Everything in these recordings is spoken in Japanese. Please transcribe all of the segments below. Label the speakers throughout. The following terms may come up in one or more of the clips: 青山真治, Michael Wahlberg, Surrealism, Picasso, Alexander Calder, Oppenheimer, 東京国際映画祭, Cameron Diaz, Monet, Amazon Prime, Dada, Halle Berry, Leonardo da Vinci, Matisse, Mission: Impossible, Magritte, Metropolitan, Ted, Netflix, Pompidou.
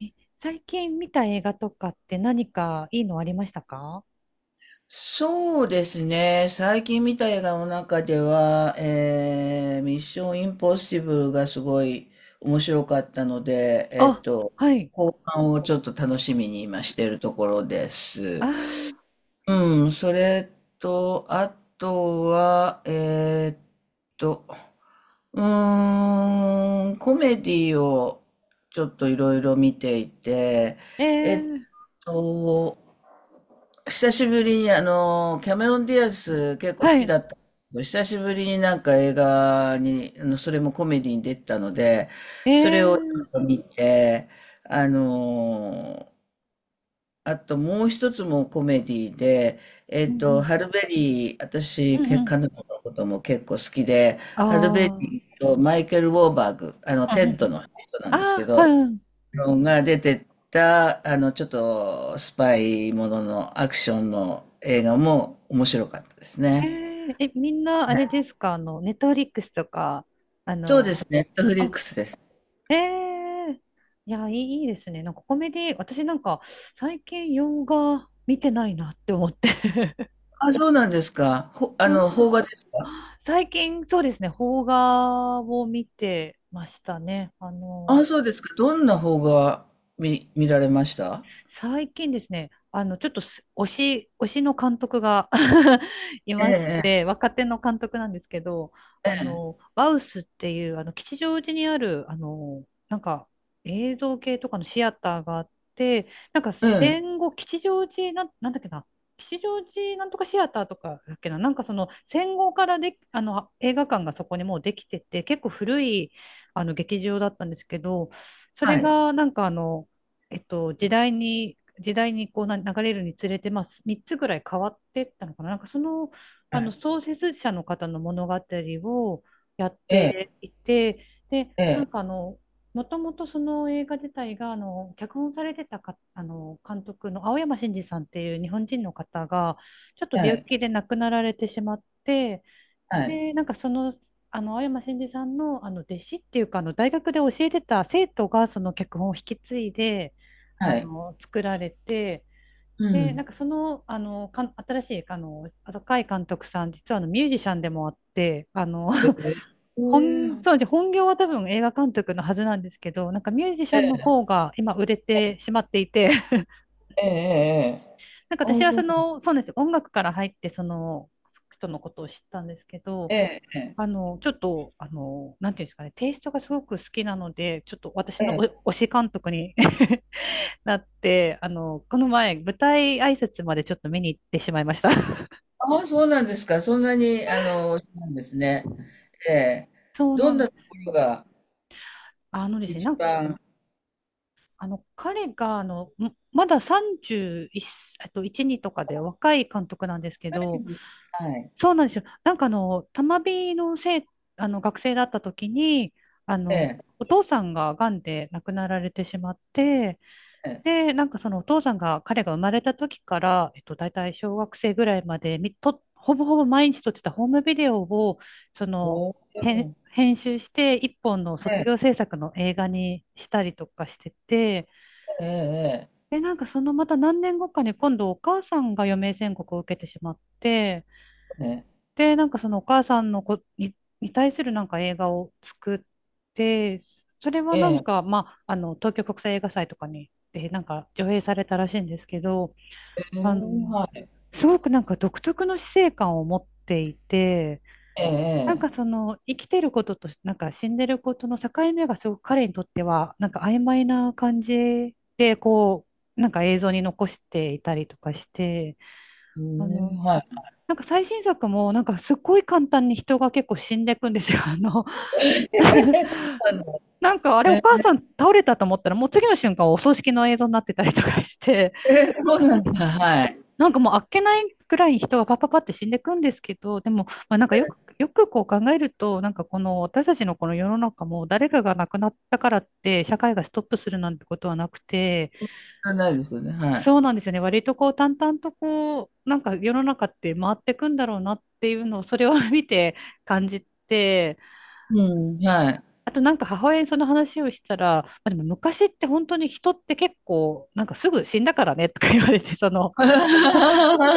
Speaker 1: 最近見た映画とかって何かいいのありましたか？
Speaker 2: そうですね。最近見た映画の中では、ミッションインポッシブルがすごい面白かったので、
Speaker 1: あ、はい。
Speaker 2: 後半をちょっと楽しみに今しているところで
Speaker 1: あ
Speaker 2: す。
Speaker 1: あ、
Speaker 2: うん、それと、あとは、と、コメディをちょっといろいろ見ていて、
Speaker 1: え
Speaker 2: えっ
Speaker 1: ー、
Speaker 2: と、久しぶりにあの、キャメロン・ディアス結構好
Speaker 1: は
Speaker 2: き
Speaker 1: い。
Speaker 2: だったんですけど、久しぶりになんか映画に、あの、それもコメディに出てたので、
Speaker 1: え
Speaker 2: それをちょ
Speaker 1: ー、
Speaker 2: っと見て、あの、あともう一つもコメディで、
Speaker 1: うん
Speaker 2: ハルベリー、
Speaker 1: う
Speaker 2: 私、
Speaker 1: ん、うん
Speaker 2: け
Speaker 1: うん。
Speaker 2: 彼女のことも結構好きで、ハルベ
Speaker 1: あ
Speaker 2: リーとマイケル・ウォーバーグ、あの、
Speaker 1: あ。うんうん
Speaker 2: テッ
Speaker 1: う
Speaker 2: ド
Speaker 1: ん。
Speaker 2: の人なんですけ
Speaker 1: あ、あ
Speaker 2: ど、
Speaker 1: うん。
Speaker 2: が出てた、あの、ちょっとスパイもののアクションの映画も面白かったですね。
Speaker 1: え、みんなあれですか、ネットフリックスとか、あ
Speaker 2: そうで
Speaker 1: の、
Speaker 2: すね、ネットフリッ
Speaker 1: あ、
Speaker 2: クスです。
Speaker 1: えー、いや、いいですね。なんかコメディ、私なんか最近洋画見てないなって思って。
Speaker 2: あ、そうなんですか。ほ、あの、邦画ですか？
Speaker 1: 最近、そうですね、邦画を見てましたね。
Speaker 2: あ、そうですか。どんな邦画見、見られました？
Speaker 1: 最近ですね、ちょっとす推し、推しの監督が い
Speaker 2: え
Speaker 1: まし
Speaker 2: え、
Speaker 1: て、若手の監督なんですけど、バウスっていう、吉祥寺にある、映像系とかのシアターがあって、なんか
Speaker 2: ええ、うん、
Speaker 1: 戦後、吉祥寺なん、なんだっけな、吉祥寺なんとかシアターとかだっけな、なんかその戦後からで、映画館がそこにもうできてて、結構古い、劇場だったんですけど、それ
Speaker 2: はい。
Speaker 1: がなんか時代にこうな流れるにつれて、まあ、3つぐらい変わってったのかな。なんかその、
Speaker 2: は
Speaker 1: あの
Speaker 2: い、
Speaker 1: 創設者の方の物語をやっ
Speaker 2: ええ、
Speaker 1: ていて、で、
Speaker 2: え
Speaker 1: な
Speaker 2: え、
Speaker 1: んかもともとその映画自体が、脚本されてたか、監督の青山真治さんっていう日本人の方が、ちょっと
Speaker 2: は
Speaker 1: 病
Speaker 2: い、
Speaker 1: 気で亡くなられてしまって、
Speaker 2: はい、
Speaker 1: で、なんかその、青山真司さんの、弟子っていうか、大学で教えてた生徒が、その脚本を引き継いで、
Speaker 2: はい。
Speaker 1: 作られて、
Speaker 2: う
Speaker 1: で、な
Speaker 2: ん。
Speaker 1: んかその、新しい、若い監督さん、実はミュージシャンでもあって、
Speaker 2: え え、ええ、
Speaker 1: そうですね、本業は多分映画監督のはずなんですけど、なんかミュージシ
Speaker 2: え
Speaker 1: ャンの
Speaker 2: え、
Speaker 1: 方が今売れてしまっていて、
Speaker 2: ええ、
Speaker 1: なんか
Speaker 2: あ
Speaker 1: 私
Speaker 2: あ、
Speaker 1: は
Speaker 2: そ
Speaker 1: そ
Speaker 2: うなん、
Speaker 1: の、そうなんですよ、音楽から入って、その、人のことを知ったんですけど、
Speaker 2: ええ、ええ、
Speaker 1: ちょっと、なんていうんですかね、テイストがすごく好きなので、ちょっと私
Speaker 2: え
Speaker 1: のお
Speaker 2: え、
Speaker 1: 推し監督に なって、この前、舞台挨拶までちょっと見に行ってしまいました。
Speaker 2: ああ、そうなんですか。そんなに、あの、なんですね。ええ、
Speaker 1: そう
Speaker 2: ど
Speaker 1: な
Speaker 2: ん
Speaker 1: ん
Speaker 2: な
Speaker 1: で
Speaker 2: と
Speaker 1: す
Speaker 2: こ
Speaker 1: よ。
Speaker 2: ろが
Speaker 1: ですね、
Speaker 2: 一
Speaker 1: なん
Speaker 2: 番、は
Speaker 1: あの、彼が、まだ31、1、2とかで若い監督なんですけど、
Speaker 2: いです、はい、
Speaker 1: そうなんですよ。なんか玉美のせい、学生だった時に、
Speaker 2: ええ、
Speaker 1: お父さんが癌で亡くなられてしまって、
Speaker 2: ええ、
Speaker 1: で、なんかそのお父さんが、彼が生まれた時から、大体小学生ぐらいまでほぼほぼ毎日撮ってたホームビデオを、その、
Speaker 2: おお、
Speaker 1: 編集して、一本の
Speaker 2: え
Speaker 1: 卒業
Speaker 2: え、
Speaker 1: 制作の映画にしたりとかしてて、
Speaker 2: ええ、
Speaker 1: で、なんかそのまた何年後かに今度お母さんが余命宣告を受けてしまって、
Speaker 2: え
Speaker 1: で、なんかそのお母さんのに対するなんか映画を作って、それは
Speaker 2: え、ええ、
Speaker 1: な
Speaker 2: え
Speaker 1: んか、
Speaker 2: え、
Speaker 1: まあ、東京国際映画祭とかに、で、なんか上映されたらしいんですけど、
Speaker 2: ええ、
Speaker 1: あの、
Speaker 2: はい、
Speaker 1: すごくなんか独特の死生観を持っていて、
Speaker 2: ええ、
Speaker 1: なん
Speaker 2: ええ、
Speaker 1: かその生きてることとなんか死んでることの境目がすごく彼にとってはなんか曖昧な感じでこうなんか映像に残していたりとかして、
Speaker 2: う
Speaker 1: あ
Speaker 2: ん、
Speaker 1: の、
Speaker 2: はい。
Speaker 1: なんか最新作もなんかすっごい簡単に人が結構死んでいくんですよ。
Speaker 2: あ の、
Speaker 1: なんかあれお
Speaker 2: え
Speaker 1: 母
Speaker 2: え、
Speaker 1: さん倒れたと思ったらもう次の瞬間お葬式の映像になってたりとかして、
Speaker 2: ええ、そうなんだ、はい。
Speaker 1: なんかもうあっけないくらい人がパッパパって死んでいくんですけど、でも、まあ、なんかよくこう考えると、なんかこの私たちのこの世の中も誰かが亡くなったからって社会がストップするなんてことはなくて、
Speaker 2: ないですよね、はい。
Speaker 1: そうなんですよね。割とこう淡々とこう、なんか世の中って回っていくんだろうなっていうのをそれを 見て感じて、
Speaker 2: うん、はい。
Speaker 1: あとなんか母親にその話をしたら、まあ、でも昔って本当に人って結構なんかすぐ死んだからねとか言われて、その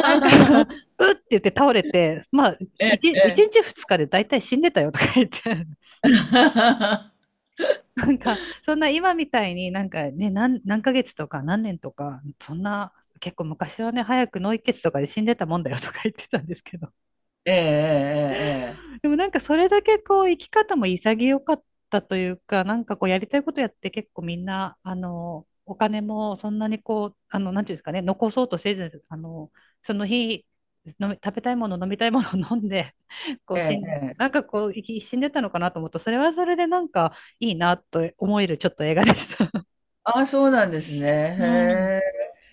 Speaker 1: なんか うって言って倒れて、まあ、
Speaker 2: ええ、え
Speaker 1: 一
Speaker 2: え。
Speaker 1: 日二日で大体死んでたよとか言って、なんか、そんな今みたいになんかね、何ヶ月とか何年とか、そんな、結構昔はね、早く脳溢血とかで死んでたもんだよとか言ってたんですけ、
Speaker 2: ええ、
Speaker 1: でもなんかそれだけこう生き方も潔かったというか、なんかこうやりたいことやって結構みんな、お金もそんなにこう、なんていうんですかね、残そうとせず、その日、食べたいもの、飲みたいものを飲んで、こう
Speaker 2: ええ、え
Speaker 1: 死
Speaker 2: え、
Speaker 1: んで、
Speaker 2: ええ、え
Speaker 1: なん
Speaker 2: え。
Speaker 1: かこう死んでたのかなと思うと、それはそれでなんかいいなと思えるちょっと映画でした。
Speaker 2: ああ、そうなんですね。
Speaker 1: うん。
Speaker 2: へえ。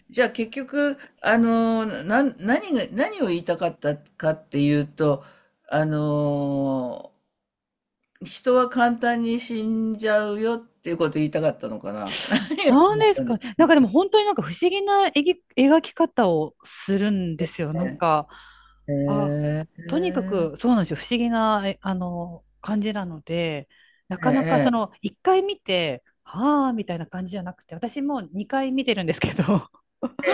Speaker 2: じゃあ結局、あの、な、何が、何を言いたかったかっていうと、あの、人は簡単に死んじゃうよっていうこと言いたかったのかな。
Speaker 1: なん です
Speaker 2: なん
Speaker 1: か
Speaker 2: で？
Speaker 1: ね。なんかでも本当になんか不思議な描き方をするんですよ。なんか、
Speaker 2: え
Speaker 1: あ、
Speaker 2: え、
Speaker 1: とにか
Speaker 2: え
Speaker 1: く
Speaker 2: え、
Speaker 1: そうなんですよ。不思議な、えあの、感じなので、な
Speaker 2: え
Speaker 1: かなかその、
Speaker 2: え、
Speaker 1: 一回見て、はあ、みたいな感じじゃなくて、私も2回見てるんですけど、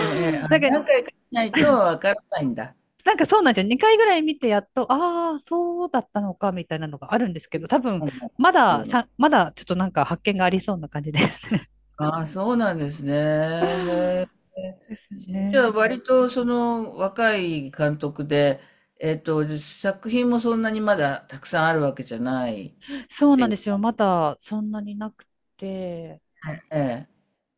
Speaker 2: ええ、あ、
Speaker 1: なんか、
Speaker 2: 何回かしないと わからないんだ。
Speaker 1: なんかそうなんですよ。2回ぐらい見て、やっと、ああ、そうだったのか、みたいなのがあるんですけど、多分、
Speaker 2: なんだっ
Speaker 1: ま
Speaker 2: てい
Speaker 1: だ、
Speaker 2: うの。
Speaker 1: さ、まだちょっとなんか発見がありそうな感じですね。
Speaker 2: ああ、そうなんですね。へ
Speaker 1: です
Speaker 2: え。じゃあ、
Speaker 1: ね。
Speaker 2: 割とその若い監督で、作品もそんなにまだたくさんあるわけじゃないっ
Speaker 1: そう
Speaker 2: て
Speaker 1: な
Speaker 2: い
Speaker 1: ん
Speaker 2: う
Speaker 1: です
Speaker 2: ね、
Speaker 1: よ。まだそんなになくて。
Speaker 2: ええ、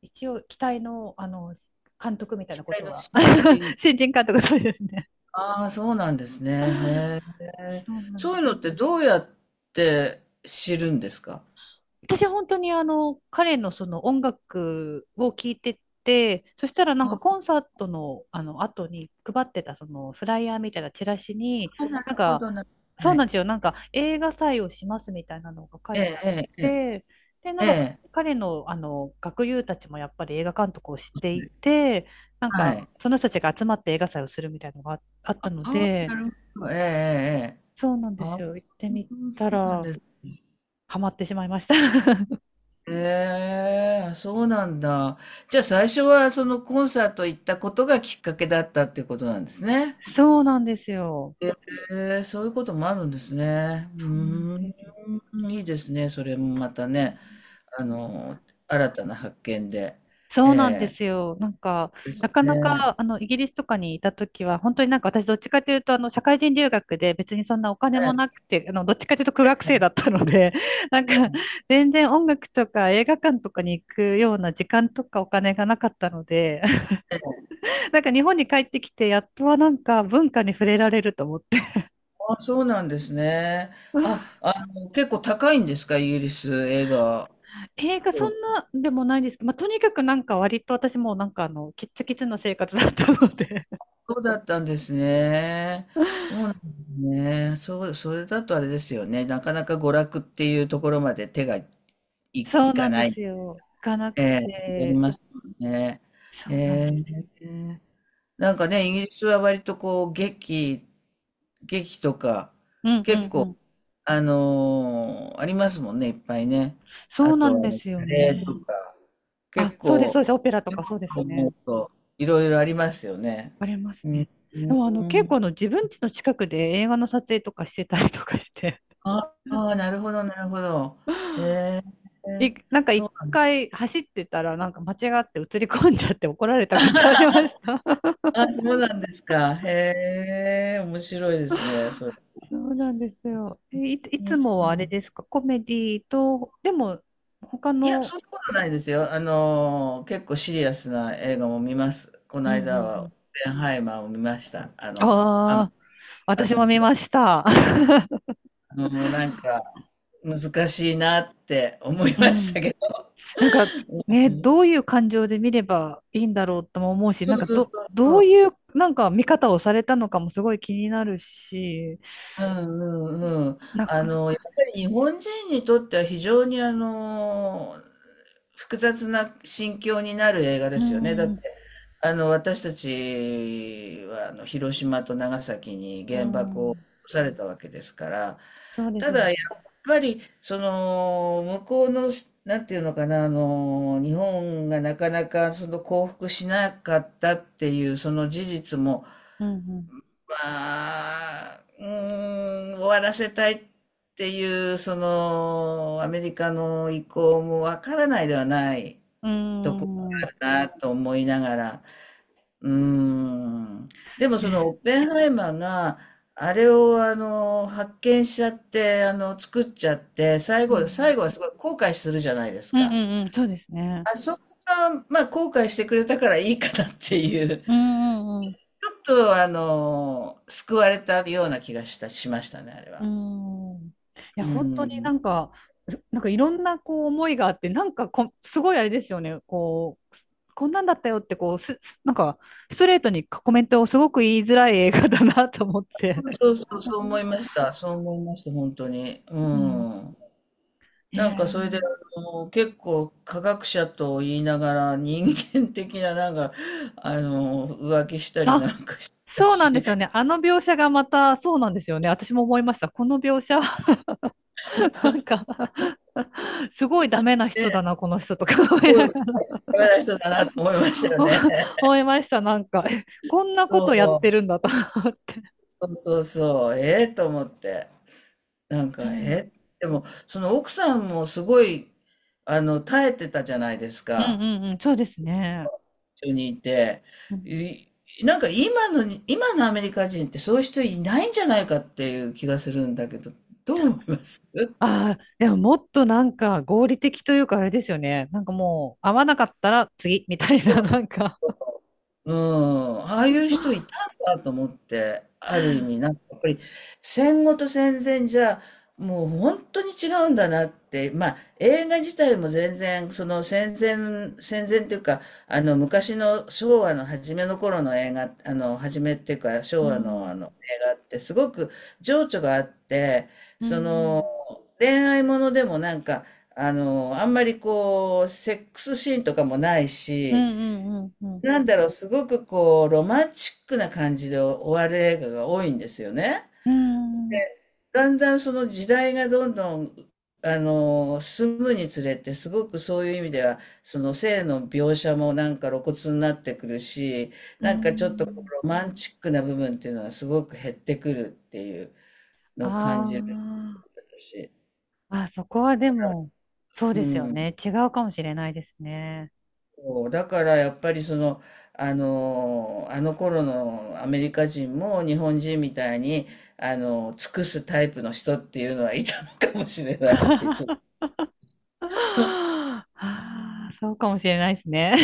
Speaker 1: 一応、期待の、監督みたい
Speaker 2: 期
Speaker 1: なこ
Speaker 2: 待
Speaker 1: と
Speaker 2: の
Speaker 1: は、
Speaker 2: 新 人。
Speaker 1: 新人監督、そうですね。
Speaker 2: ああ、そうなんですね。へえ。
Speaker 1: そうなん
Speaker 2: そう
Speaker 1: で
Speaker 2: いうの
Speaker 1: す。
Speaker 2: ってどうやって知るんですか？
Speaker 1: 私本当に彼のその音楽を聴いてて、そしたらなんかコ
Speaker 2: あ
Speaker 1: ンサートのあの後に配ってたそのフライヤーみたいなチラシに、
Speaker 2: あ、なる
Speaker 1: なん
Speaker 2: ほ
Speaker 1: か、
Speaker 2: どな。
Speaker 1: そ
Speaker 2: は
Speaker 1: うなん
Speaker 2: い。
Speaker 1: ですよ。なんか映画祭をしますみたいなのが書い
Speaker 2: え
Speaker 1: て
Speaker 2: え、
Speaker 1: あっ
Speaker 2: ええ、ええ。
Speaker 1: て、で、なんか
Speaker 2: ええ、
Speaker 1: 彼のあの学友たちもやっぱり映画監督を知っていて、なん
Speaker 2: は
Speaker 1: か
Speaker 2: い。
Speaker 1: その人たちが集まって映画祭をするみたいなのがあっ
Speaker 2: あ
Speaker 1: たの
Speaker 2: あ、
Speaker 1: で、
Speaker 2: なるほど。ええ、ええ。ええ、
Speaker 1: そうなんで
Speaker 2: あ
Speaker 1: す
Speaker 2: あ、
Speaker 1: よ。行ってみ
Speaker 2: そ
Speaker 1: た
Speaker 2: うなん
Speaker 1: ら
Speaker 2: ですね。
Speaker 1: ハマってしまいました。
Speaker 2: ええ、そうなんだ。じゃあ最初はそのコンサート行ったことがきっかけだったっていうことなんですね。
Speaker 1: そうなんですよ。
Speaker 2: ええ、そういうこともあるんですね。
Speaker 1: そうなん
Speaker 2: うー
Speaker 1: ですよ
Speaker 2: ん、いいですね。それもまた
Speaker 1: ね。
Speaker 2: ね、あの、新たな発見で。
Speaker 1: そうなんで
Speaker 2: え
Speaker 1: すよ。なんか、なか
Speaker 2: え、
Speaker 1: な
Speaker 2: ね、
Speaker 1: か、イギリスとかにいたときは、本当になんか私どっちかというと、社会人留学で別にそんなお金
Speaker 2: え
Speaker 1: も
Speaker 2: え、
Speaker 1: なくて、どっちかというと苦学生だったので、なんか、全然音楽とか映画館とかに行くような時間とかお金がなかったので、なんか日本に帰ってきて、やっとはなんか文化に触れられると思って。
Speaker 2: あ、そうなんですね。あ、あの、結構高いんですか、イギリス映画？
Speaker 1: 映画そんなでもないですけど、まあ、とにかくなんか割と私もなんかキッツキツな生活だったので、
Speaker 2: そうだったんですね。そうなんですね。そう、それだとあれですよね。なかなか娯楽っていうところまで手がい、
Speaker 1: そ
Speaker 2: い
Speaker 1: うな
Speaker 2: か
Speaker 1: んで
Speaker 2: ない。
Speaker 1: すよ。行かな
Speaker 2: え
Speaker 1: く
Speaker 2: え、あり
Speaker 1: て、
Speaker 2: ますよね。
Speaker 1: そ
Speaker 2: え
Speaker 1: うなんです
Speaker 2: え、な
Speaker 1: よ。
Speaker 2: んかね、イギリスは割とこう、劇、劇とか、
Speaker 1: うんう
Speaker 2: 結
Speaker 1: んう
Speaker 2: 構、
Speaker 1: ん。
Speaker 2: あのー、ありますもんね、いっぱいね。
Speaker 1: そ
Speaker 2: あ
Speaker 1: うな
Speaker 2: と、
Speaker 1: ん
Speaker 2: あ
Speaker 1: で
Speaker 2: の、
Speaker 1: すよ
Speaker 2: カレーと
Speaker 1: ね。
Speaker 2: か、
Speaker 1: あ、
Speaker 2: 結
Speaker 1: そうです、
Speaker 2: 構、
Speaker 1: そうです。オペラと
Speaker 2: 今
Speaker 1: かそうで
Speaker 2: と
Speaker 1: す
Speaker 2: 思
Speaker 1: ね。
Speaker 2: うと、いろいろありますよね。
Speaker 1: あります
Speaker 2: う
Speaker 1: ね。
Speaker 2: ん。
Speaker 1: でも結構自分家の近くで映画の撮影とかしてたりとかして
Speaker 2: ああ、なるほどなるほど。へえ。
Speaker 1: なんか一回走ってたらなんか間違って映り込んじゃって怒られたことありました。
Speaker 2: あ、そうなんですか。へえ、面白いですね、それ。
Speaker 1: そうなんですよ。い
Speaker 2: う
Speaker 1: つ
Speaker 2: ん、
Speaker 1: もはあれですか、コメディと、でも他
Speaker 2: いや、
Speaker 1: の、
Speaker 2: そんなことないですよ。あのー、結構シリアスな映画も見ます。この
Speaker 1: うんうん
Speaker 2: 間
Speaker 1: う
Speaker 2: は、オッ
Speaker 1: ん。
Speaker 2: ペンハイマーを見ました。あの、アマ、
Speaker 1: ああ、
Speaker 2: アマ
Speaker 1: 私
Speaker 2: ゾ
Speaker 1: も
Speaker 2: ン
Speaker 1: 見
Speaker 2: プラ
Speaker 1: ま
Speaker 2: イ
Speaker 1: した。
Speaker 2: ム。もうなんか、難しいなって思い
Speaker 1: う
Speaker 2: まし
Speaker 1: ん。
Speaker 2: たけど。
Speaker 1: なんかね、
Speaker 2: うん、
Speaker 1: どういう感情で見ればいいんだろうとも思うし、
Speaker 2: そ
Speaker 1: なん
Speaker 2: う
Speaker 1: か
Speaker 2: そうそう
Speaker 1: ど
Speaker 2: そ
Speaker 1: う
Speaker 2: う。
Speaker 1: いうなんか見方をされたのかもすごい気になるし、
Speaker 2: うんうんうん。
Speaker 1: な
Speaker 2: あ
Speaker 1: かな
Speaker 2: の、
Speaker 1: か、
Speaker 2: やっぱり日本人にとっては非常にあの、複雑な心境になる映画
Speaker 1: う
Speaker 2: ですよね。だっ
Speaker 1: ん。
Speaker 2: て、あの、私たちはあの広島と長崎に
Speaker 1: う
Speaker 2: 原爆を落
Speaker 1: ん。
Speaker 2: とされたわけですから、
Speaker 1: そうです
Speaker 2: た
Speaker 1: よ
Speaker 2: だや
Speaker 1: ね。
Speaker 2: っぱり、その、向こうの、なんていうのかな、あの、日本がなかなかその降伏しなかったっていう、その事実も、
Speaker 1: うん。
Speaker 2: まあ、うーん、終わらせたいっていう、その、アメリカの意向もわからないではない
Speaker 1: う
Speaker 2: ところが
Speaker 1: ん。うん。
Speaker 2: あるなと思いながら、うーん。でもそ
Speaker 1: ね、
Speaker 2: のオッペンハイマーが、あれをあの、発見しちゃって、あの、作っちゃって、最
Speaker 1: う
Speaker 2: 後、最
Speaker 1: ん。
Speaker 2: 後はすごい後悔するじゃないです
Speaker 1: うん。う
Speaker 2: か。
Speaker 1: ん。うん、そうですね。
Speaker 2: あそこが、まあ、後悔してくれたからいいかなっていう。
Speaker 1: うん。うん。うん。
Speaker 2: ちょっとあの、救われたような気がしたしましたね、あれ
Speaker 1: うー
Speaker 2: は。
Speaker 1: ん。いや、
Speaker 2: う
Speaker 1: 本当に
Speaker 2: ん。
Speaker 1: なんか、なんかいろんなこう思いがあって、なんかすごいあれですよね、こう、こんなんだったよって、こう、なんか、ストレートにコメントをすごく言いづらい映画だなと思って。
Speaker 2: そうそうそう、思いました。そう思いました、本当に。う
Speaker 1: うん。
Speaker 2: ん。なんかそれで、
Speaker 1: ね、
Speaker 2: あの、結構科学者と言いながら人間的ななんか、あの、浮気した
Speaker 1: え
Speaker 2: り
Speaker 1: あ、
Speaker 2: なんかしてた
Speaker 1: そうな
Speaker 2: し、
Speaker 1: んですよね。あの描写がまた、そうなんですよね。私も思いました。この描写は なんかすごいダメな人だ
Speaker 2: ね、
Speaker 1: な、この人とか思
Speaker 2: す
Speaker 1: い
Speaker 2: ごい
Speaker 1: な
Speaker 2: ダ
Speaker 1: がら
Speaker 2: メな人だなと思いましたよね。
Speaker 1: 思いました。なんか、こんなことやって
Speaker 2: そ
Speaker 1: るんだと思って。
Speaker 2: う、そうそうそう、ええと思って。なん
Speaker 1: う
Speaker 2: か、
Speaker 1: ん、
Speaker 2: え、でも、その奥さんもすごい、あの、耐えてたじゃないです
Speaker 1: うん
Speaker 2: か、
Speaker 1: うんうん、そうですね。
Speaker 2: 一緒にいて。
Speaker 1: うん。
Speaker 2: い、なんか今のに、今のアメリカ人ってそういう人いないんじゃないかっていう気がするんだけど、どう思います？
Speaker 1: ああ、でももっとなんか合理的というかあれですよね。なんかもう合わなかったら次みたいな、なんか。
Speaker 2: うん、ああ
Speaker 1: う
Speaker 2: い
Speaker 1: ん。
Speaker 2: う人いたんだと思って、ある意味なんかやっぱり戦後と戦前じゃもう本当に違うんだなって、まあ映画自体も全然その戦前、戦前っていうかあの昔の昭和の初めの頃の映画、あの初めっていうか
Speaker 1: う
Speaker 2: 昭和のあの映
Speaker 1: ん。
Speaker 2: 画ってすごく情緒があって、
Speaker 1: う
Speaker 2: その
Speaker 1: ん
Speaker 2: 恋愛ものでもなんかあのあんまりこうセックスシーンとかもない
Speaker 1: う
Speaker 2: し、
Speaker 1: んうんうん。
Speaker 2: なんだろう、すごくこう、ロマンチックな感じで終わる映画が多いんですよね。
Speaker 1: うん。
Speaker 2: だんだんその時代がどんどん、あの、進むにつれて、すごくそういう意味では、その性の描写もなんか露骨になってくるし、
Speaker 1: う
Speaker 2: なんかちょっとこ
Speaker 1: ん。
Speaker 2: うロマンチックな部分っていうのはすごく減ってくるっていうのを
Speaker 1: あ
Speaker 2: 感じるし。
Speaker 1: ああ、そこはでも、そう
Speaker 2: う
Speaker 1: ですよ
Speaker 2: ん。
Speaker 1: ね。違うかもしれないですね。
Speaker 2: そうだからやっぱりその、あの、あの頃のアメリカ人も日本人みたいに、あの、尽くすタイプの人っていうのはいたのかもしれないってちょっと
Speaker 1: ああ、そうかもしれないですね。